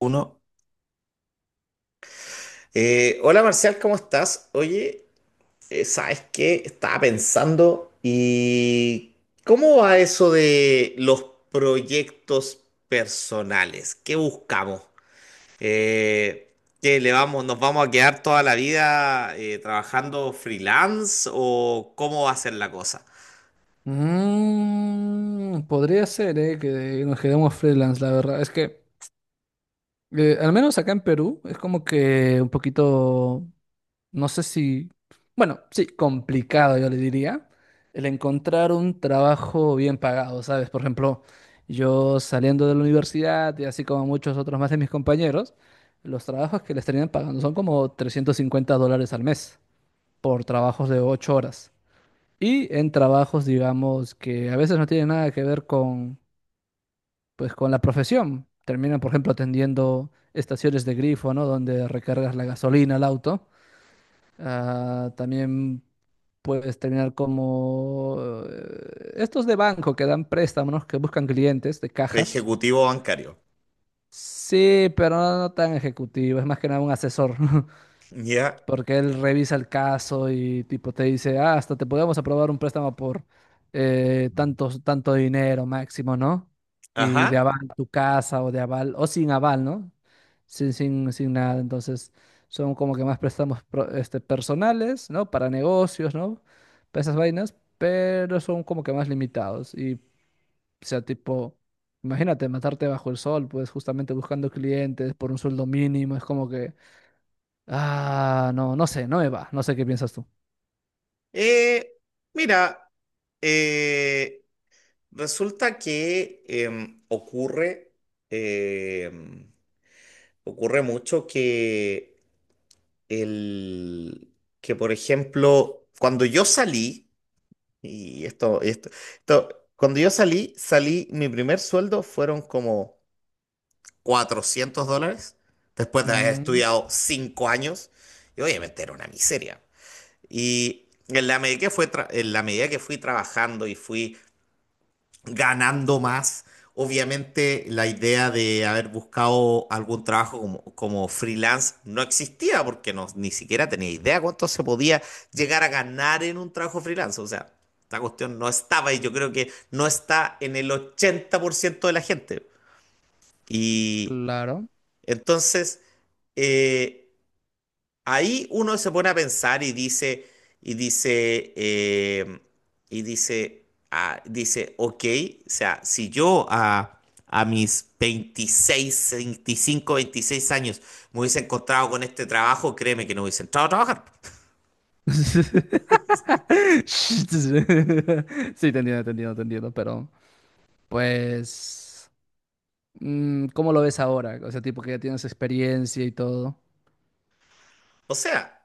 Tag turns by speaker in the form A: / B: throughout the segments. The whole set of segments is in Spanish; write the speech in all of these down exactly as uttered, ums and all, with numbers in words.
A: Uno. Eh, hola Marcial, ¿cómo estás? Oye, eh, ¿sabes qué? Estaba pensando y ¿cómo va eso de los proyectos personales? ¿Qué buscamos? Eh, ¿qué le vamos, nos vamos a quedar toda la vida eh, trabajando freelance o cómo va a ser la cosa?
B: Mm, podría ser, eh, que nos quedemos freelance, la verdad. Es que, eh, al menos acá en Perú, es como que un poquito, no sé si, bueno, sí, complicado, yo le diría, el encontrar un trabajo bien pagado, ¿sabes? Por ejemplo, yo saliendo de la universidad y así como muchos otros más de mis compañeros, los trabajos que les terminan pagando son como trescientos cincuenta dólares al mes por trabajos de ocho horas. Y en trabajos, digamos, que a veces no tienen nada que ver con, pues, con la profesión. Terminan, por ejemplo, atendiendo estaciones de grifo, ¿no? Donde recargas la gasolina al auto. Ah, también puedes terminar como eh, estos de banco que dan préstamos, que buscan clientes de cajas.
A: Ejecutivo bancario.
B: Sí, pero no, no tan ejecutivo, es más que nada un asesor.
A: Ya.
B: Porque él revisa el caso y tipo te dice, ah, hasta te podemos aprobar un préstamo por eh, tantos- tanto dinero máximo, ¿no? Y de
A: Ajá.
B: aval tu casa o de aval, o sin aval, ¿no? Sin, sin, sin nada. Entonces, son como que más préstamos pro- este, personales, ¿no? Para negocios, ¿no? Para esas vainas, pero son como que más limitados. Y, o sea, tipo, imagínate matarte bajo el sol, pues justamente buscando clientes por un sueldo mínimo, es como que... Ah, no, no sé, no me va. No sé qué piensas tú.
A: Eh, mira. Eh, Resulta que em, ocurre, em, ocurre mucho que, el, que, por ejemplo, cuando yo salí, y esto, esto, esto, cuando yo salí, salí, mi primer sueldo fueron como cuatrocientos dólares, después de haber
B: Mm,
A: estudiado cinco años, y obviamente era una miseria. Y en la medida que fue tra- en la medida que fui trabajando y fui ganando más. Obviamente la idea de haber buscado algún trabajo como, como freelance no existía porque no, ni siquiera tenía idea cuánto se podía llegar a ganar en un trabajo freelance. O sea, esta cuestión no estaba y yo creo que no está en el ochenta por ciento de la gente. Y
B: claro.
A: entonces, eh, Ahí uno se pone a pensar y dice, y dice, eh, y dice, ah, dice, ok. O sea, si yo a, a mis veintiséis, veinticinco, veintiséis años me hubiese encontrado con este trabajo, créeme que no hubiese entrado a trabajar.
B: Sí, te entiendo, te entiendo, te entiendo, pero pues, mm, ¿cómo lo ves ahora? O sea, tipo que ya tienes experiencia y todo.
A: O sea,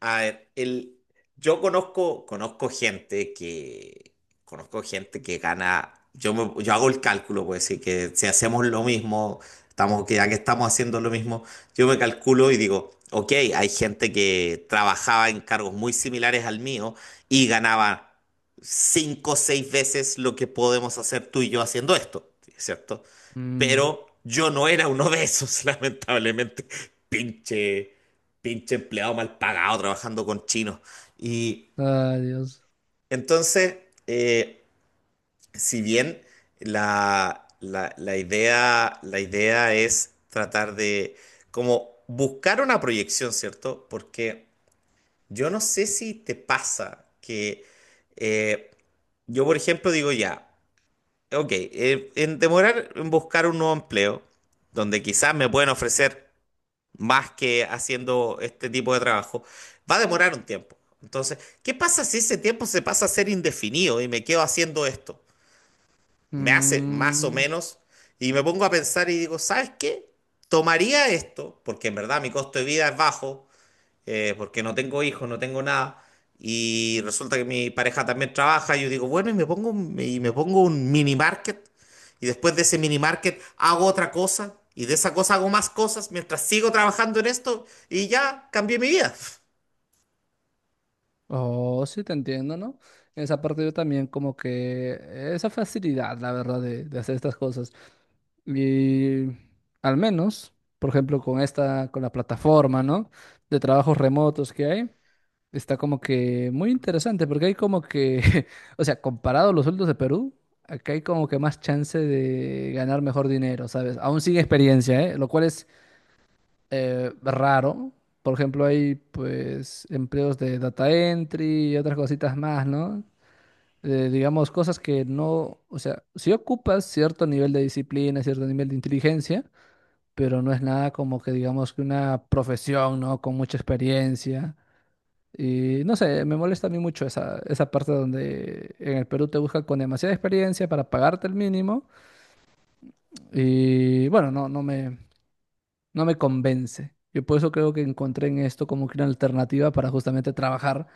A: a ver, el, yo conozco, conozco gente que, conozco gente que gana. Yo, me- yo hago el cálculo, pues sí, que si hacemos lo mismo, estamos, que ya que estamos haciendo lo mismo, yo me calculo y digo, ok, hay gente que trabajaba en cargos muy similares al mío y ganaba cinco o seis veces lo que podemos hacer tú y yo haciendo esto, ¿cierto?
B: Mm,
A: Pero yo no era uno de esos, lamentablemente. Pinche pinche empleado mal pagado trabajando con chinos. Y
B: ay, Dios.
A: entonces, eh, si bien la, la- la idea, la idea es tratar de como buscar una proyección, ¿cierto? Porque yo no sé si te pasa que eh, yo, por ejemplo, digo ya, ok, eh, en demorar en buscar un nuevo empleo, donde quizás me pueden ofrecer más que haciendo este tipo de trabajo, va a demorar un tiempo. Entonces, ¿qué pasa si ese tiempo se pasa a ser indefinido y me quedo haciendo esto? Me hace más o
B: Mm.
A: menos y me pongo a pensar y digo, ¿sabes qué? Tomaría esto, porque en verdad mi costo de vida es bajo, eh, porque no tengo hijos, no tengo nada. Y resulta que mi pareja también trabaja. Y yo digo, bueno, y me pongo, un- y me pongo un mini market. Y después de ese mini market hago otra cosa. Y de esa cosa hago más cosas mientras sigo trabajando en esto. Y ya cambié mi vida.
B: Oh, sí, te entiendo, ¿no? En esa parte yo también como que esa facilidad, la verdad, de, de hacer estas cosas. Y al menos, por ejemplo, con esta, con la plataforma, ¿no? De trabajos remotos que hay, está como que muy interesante porque hay como que, o sea, comparado a los sueldos de Perú, acá hay como que más chance de ganar mejor dinero, ¿sabes? Aún sin experiencia, ¿eh? Lo cual eh, raro. Por ejemplo, hay pues empleos de data entry y otras cositas más, ¿no? Eh, digamos, cosas que no, o sea, sí ocupas cierto nivel de disciplina, cierto nivel de inteligencia, pero no es nada como que digamos que una profesión, ¿no? Con mucha experiencia. Y no sé, me molesta a mí mucho esa, esa parte donde en el Perú te buscan con demasiada experiencia para pagarte el mínimo. Y bueno, no, no me, no me convence. Yo por eso creo que encontré en esto como que una alternativa para justamente trabajar,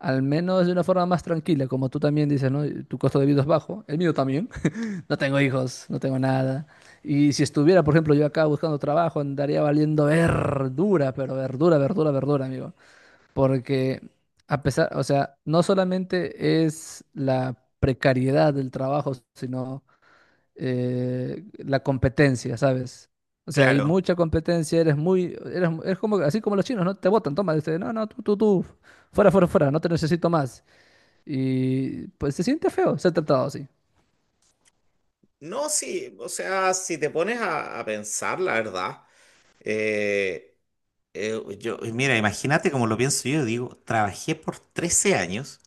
B: al menos de una forma más tranquila, como tú también dices, ¿no? Tu costo de vida es bajo, el mío también. No tengo hijos, no tengo nada. Y si estuviera, por ejemplo, yo acá buscando trabajo, andaría valiendo verdura, pero verdura, verdura, verdura, amigo. Porque a pesar, o sea, no solamente es la precariedad del trabajo, sino eh, la competencia, ¿sabes? O sea, hay
A: Claro.
B: mucha competencia, eres muy, eres, eres como, así como los chinos, ¿no? Te botan, toma, dice, no, no, tú, tú, tú, fuera, fuera, fuera, no te necesito más. Y pues se siente feo ser tratado así.
A: No, sí, o sea, si te pones a, a pensar, la verdad, eh, eh, yo, mira, imagínate como lo pienso yo, digo, trabajé por trece años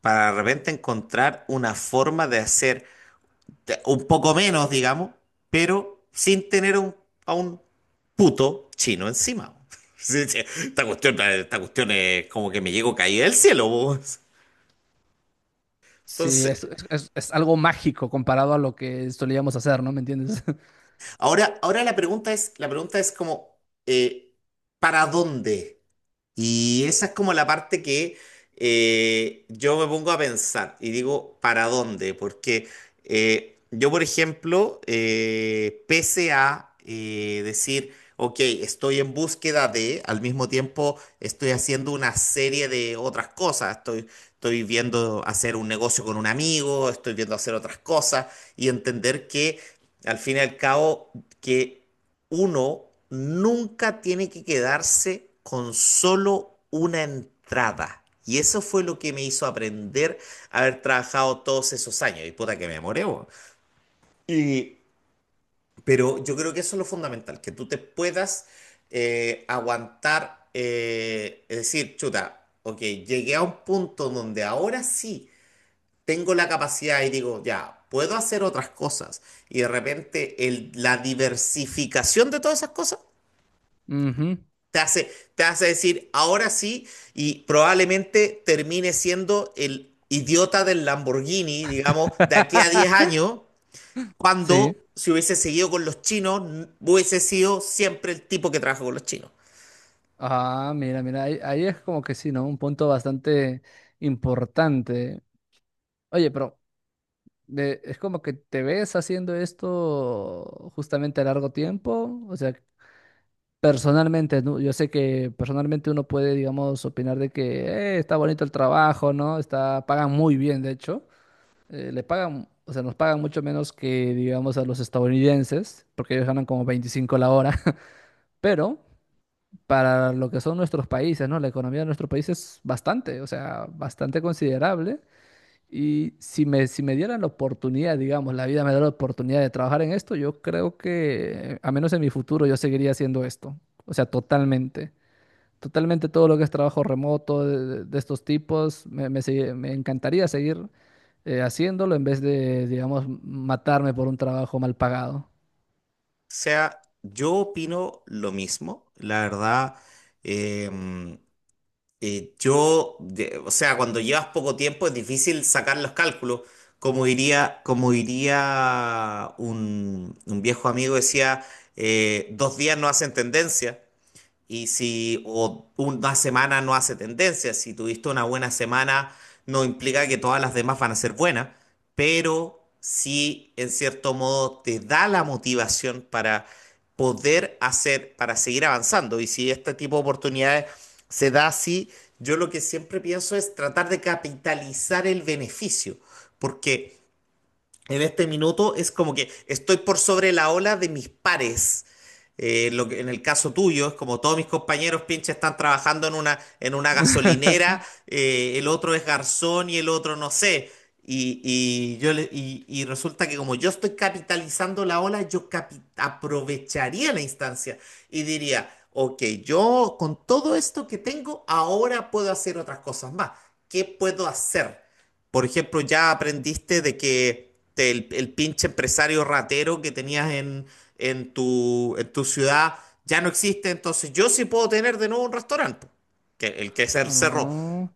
A: para de repente encontrar una forma de hacer te- un poco menos, digamos, pero sin tener a un- a un puto chino encima. Sí, sí, Esta cuestión, esta cuestión es como que me llego caída del cielo. Po.
B: Sí,
A: Entonces,
B: es, es, es- es algo mágico comparado a lo que solíamos hacer, ¿no? ¿Me entiendes?
A: ahora, ahora la pregunta es, la pregunta es como, eh, ¿para dónde? Y esa es como la parte que eh, yo me pongo a pensar y digo, ¿para dónde? Porque eh, yo, por ejemplo, eh, pese a eh, decir, ok, estoy en búsqueda de, al mismo tiempo estoy haciendo una serie de otras cosas, estoy, estoy viendo hacer un negocio con un amigo, estoy viendo hacer otras cosas y entender que, al fin y al cabo, que uno nunca tiene que quedarse con solo una entrada. Y eso fue lo que me hizo aprender a haber trabajado todos esos años. Y puta que me demoré, bo. Y, pero yo creo que eso es lo fundamental, que tú te puedas eh, aguantar, eh, es decir, chuta, ok, llegué a un punto donde ahora sí tengo la capacidad y digo, ya, puedo hacer otras cosas. Y de repente el- la diversificación de todas esas cosas
B: Ujú.
A: Te hace, te hace decir, ahora sí, y probablemente termine siendo el idiota del Lamborghini, digamos, de aquí a diez años, cuando
B: Sí.
A: si hubiese seguido con los chinos, n- hubiese sido siempre el tipo que trabaja con los chinos. O
B: Ah, mira, mira, ahí, ahí es como que sí, ¿no? Un punto bastante importante. Oye, pero de- es como que te ves haciendo esto justamente a largo tiempo, o sea, personalmente, ¿no? Yo sé que personalmente uno puede, digamos, opinar de que "Eh, está bonito el trabajo, ¿no? Está, pagan muy bien, de hecho, eh, le pagan, o sea, nos pagan mucho menos que, digamos, a los estadounidenses, porque ellos ganan como veinticinco la hora, pero para lo que son nuestros países, ¿no? La economía de nuestros países es bastante, o sea, bastante considerable. Y si me, si me dieran la oportunidad, digamos, la vida me da la oportunidad de trabajar en esto, yo creo que, a menos en mi futuro, yo seguiría haciendo esto. O sea, totalmente. Totalmente todo lo que es trabajo remoto de, de- de estos tipos, me, me sigue- me encantaría seguir eh, haciéndolo en vez de, digamos, matarme por un trabajo mal pagado.
A: sea, yo opino lo mismo, la verdad. eh, Eh, yo, de- o sea, cuando llevas poco tiempo es difícil sacar los cálculos. Como diría, como diría un, un viejo amigo, decía, eh, dos días no hacen tendencia. Y si o una semana no hace tendencia, si tuviste una buena semana, no implica que todas las demás van a ser buenas, pero sí, en cierto modo, te da la motivación para poder hacer, para seguir avanzando. Y si este tipo de oportunidades se da así, yo lo que siempre pienso es tratar de capitalizar el beneficio, porque en este minuto es como que estoy por sobre la ola de mis pares. Eh, lo que- en el caso tuyo, es como todos mis compañeros pinches están trabajando en una, en una gasolinera, eh, el otro es garzón y el otro no sé. Y, y yo le- y, y resulta que como yo estoy capitalizando la ola, yo capi- aprovecharía la instancia y diría, ok, yo con todo esto que tengo, ahora puedo hacer otras cosas más. ¿Qué puedo hacer? Por ejemplo, ya aprendiste de que te- el, el pinche empresario ratero que tenías en, en tu, en tu ciudad ya no existe, entonces yo sí puedo tener de nuevo un restaurante, po, que, el que se cerró.
B: Ah,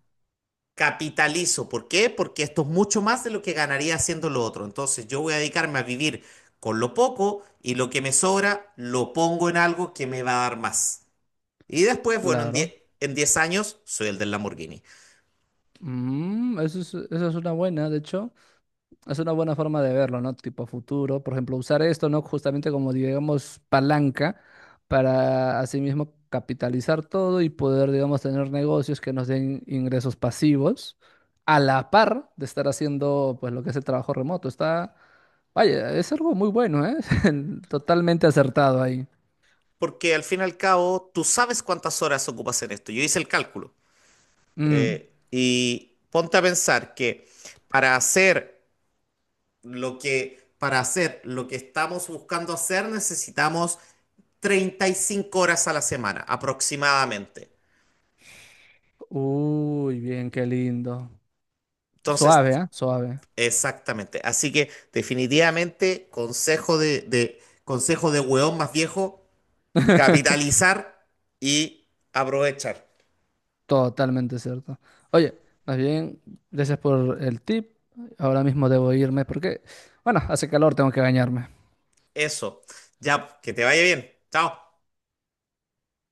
A: Capitalizo. ¿Por qué? Porque esto es mucho más de lo que ganaría haciendo lo otro. Entonces yo voy a dedicarme a vivir con lo poco y lo que me sobra lo pongo en algo que me va a dar más. Y después, bueno, en diez
B: claro.
A: en diez años soy el del Lamborghini.
B: Mm, eso es, eso es una buena, de hecho. Es una buena forma de verlo, ¿no? Tipo futuro. Por ejemplo, usar esto, ¿no? Justamente como, digamos, palanca para asimismo capitalizar todo y poder, digamos, tener negocios que nos den ingresos pasivos a la par de estar haciendo, pues, lo que es el trabajo remoto. Está, vaya, es algo muy bueno, ¿eh? Totalmente acertado ahí.
A: Porque al fin y al cabo tú sabes cuántas horas ocupas en esto. Yo hice el cálculo.
B: Mm.
A: Eh, y ponte a pensar que para hacer lo que, para hacer lo que estamos buscando hacer necesitamos treinta y cinco horas a la semana aproximadamente.
B: Uy, bien, qué lindo. Suave,
A: Entonces,
B: ¿ah? Suave.
A: exactamente. Así que definitivamente consejo de, de consejo de hueón más viejo, capitalizar y aprovechar.
B: Totalmente cierto. Oye, más bien, gracias por el tip. Ahora mismo debo irme porque, bueno, hace calor, tengo que bañarme.
A: Eso. Ya, que te vaya bien. Chao.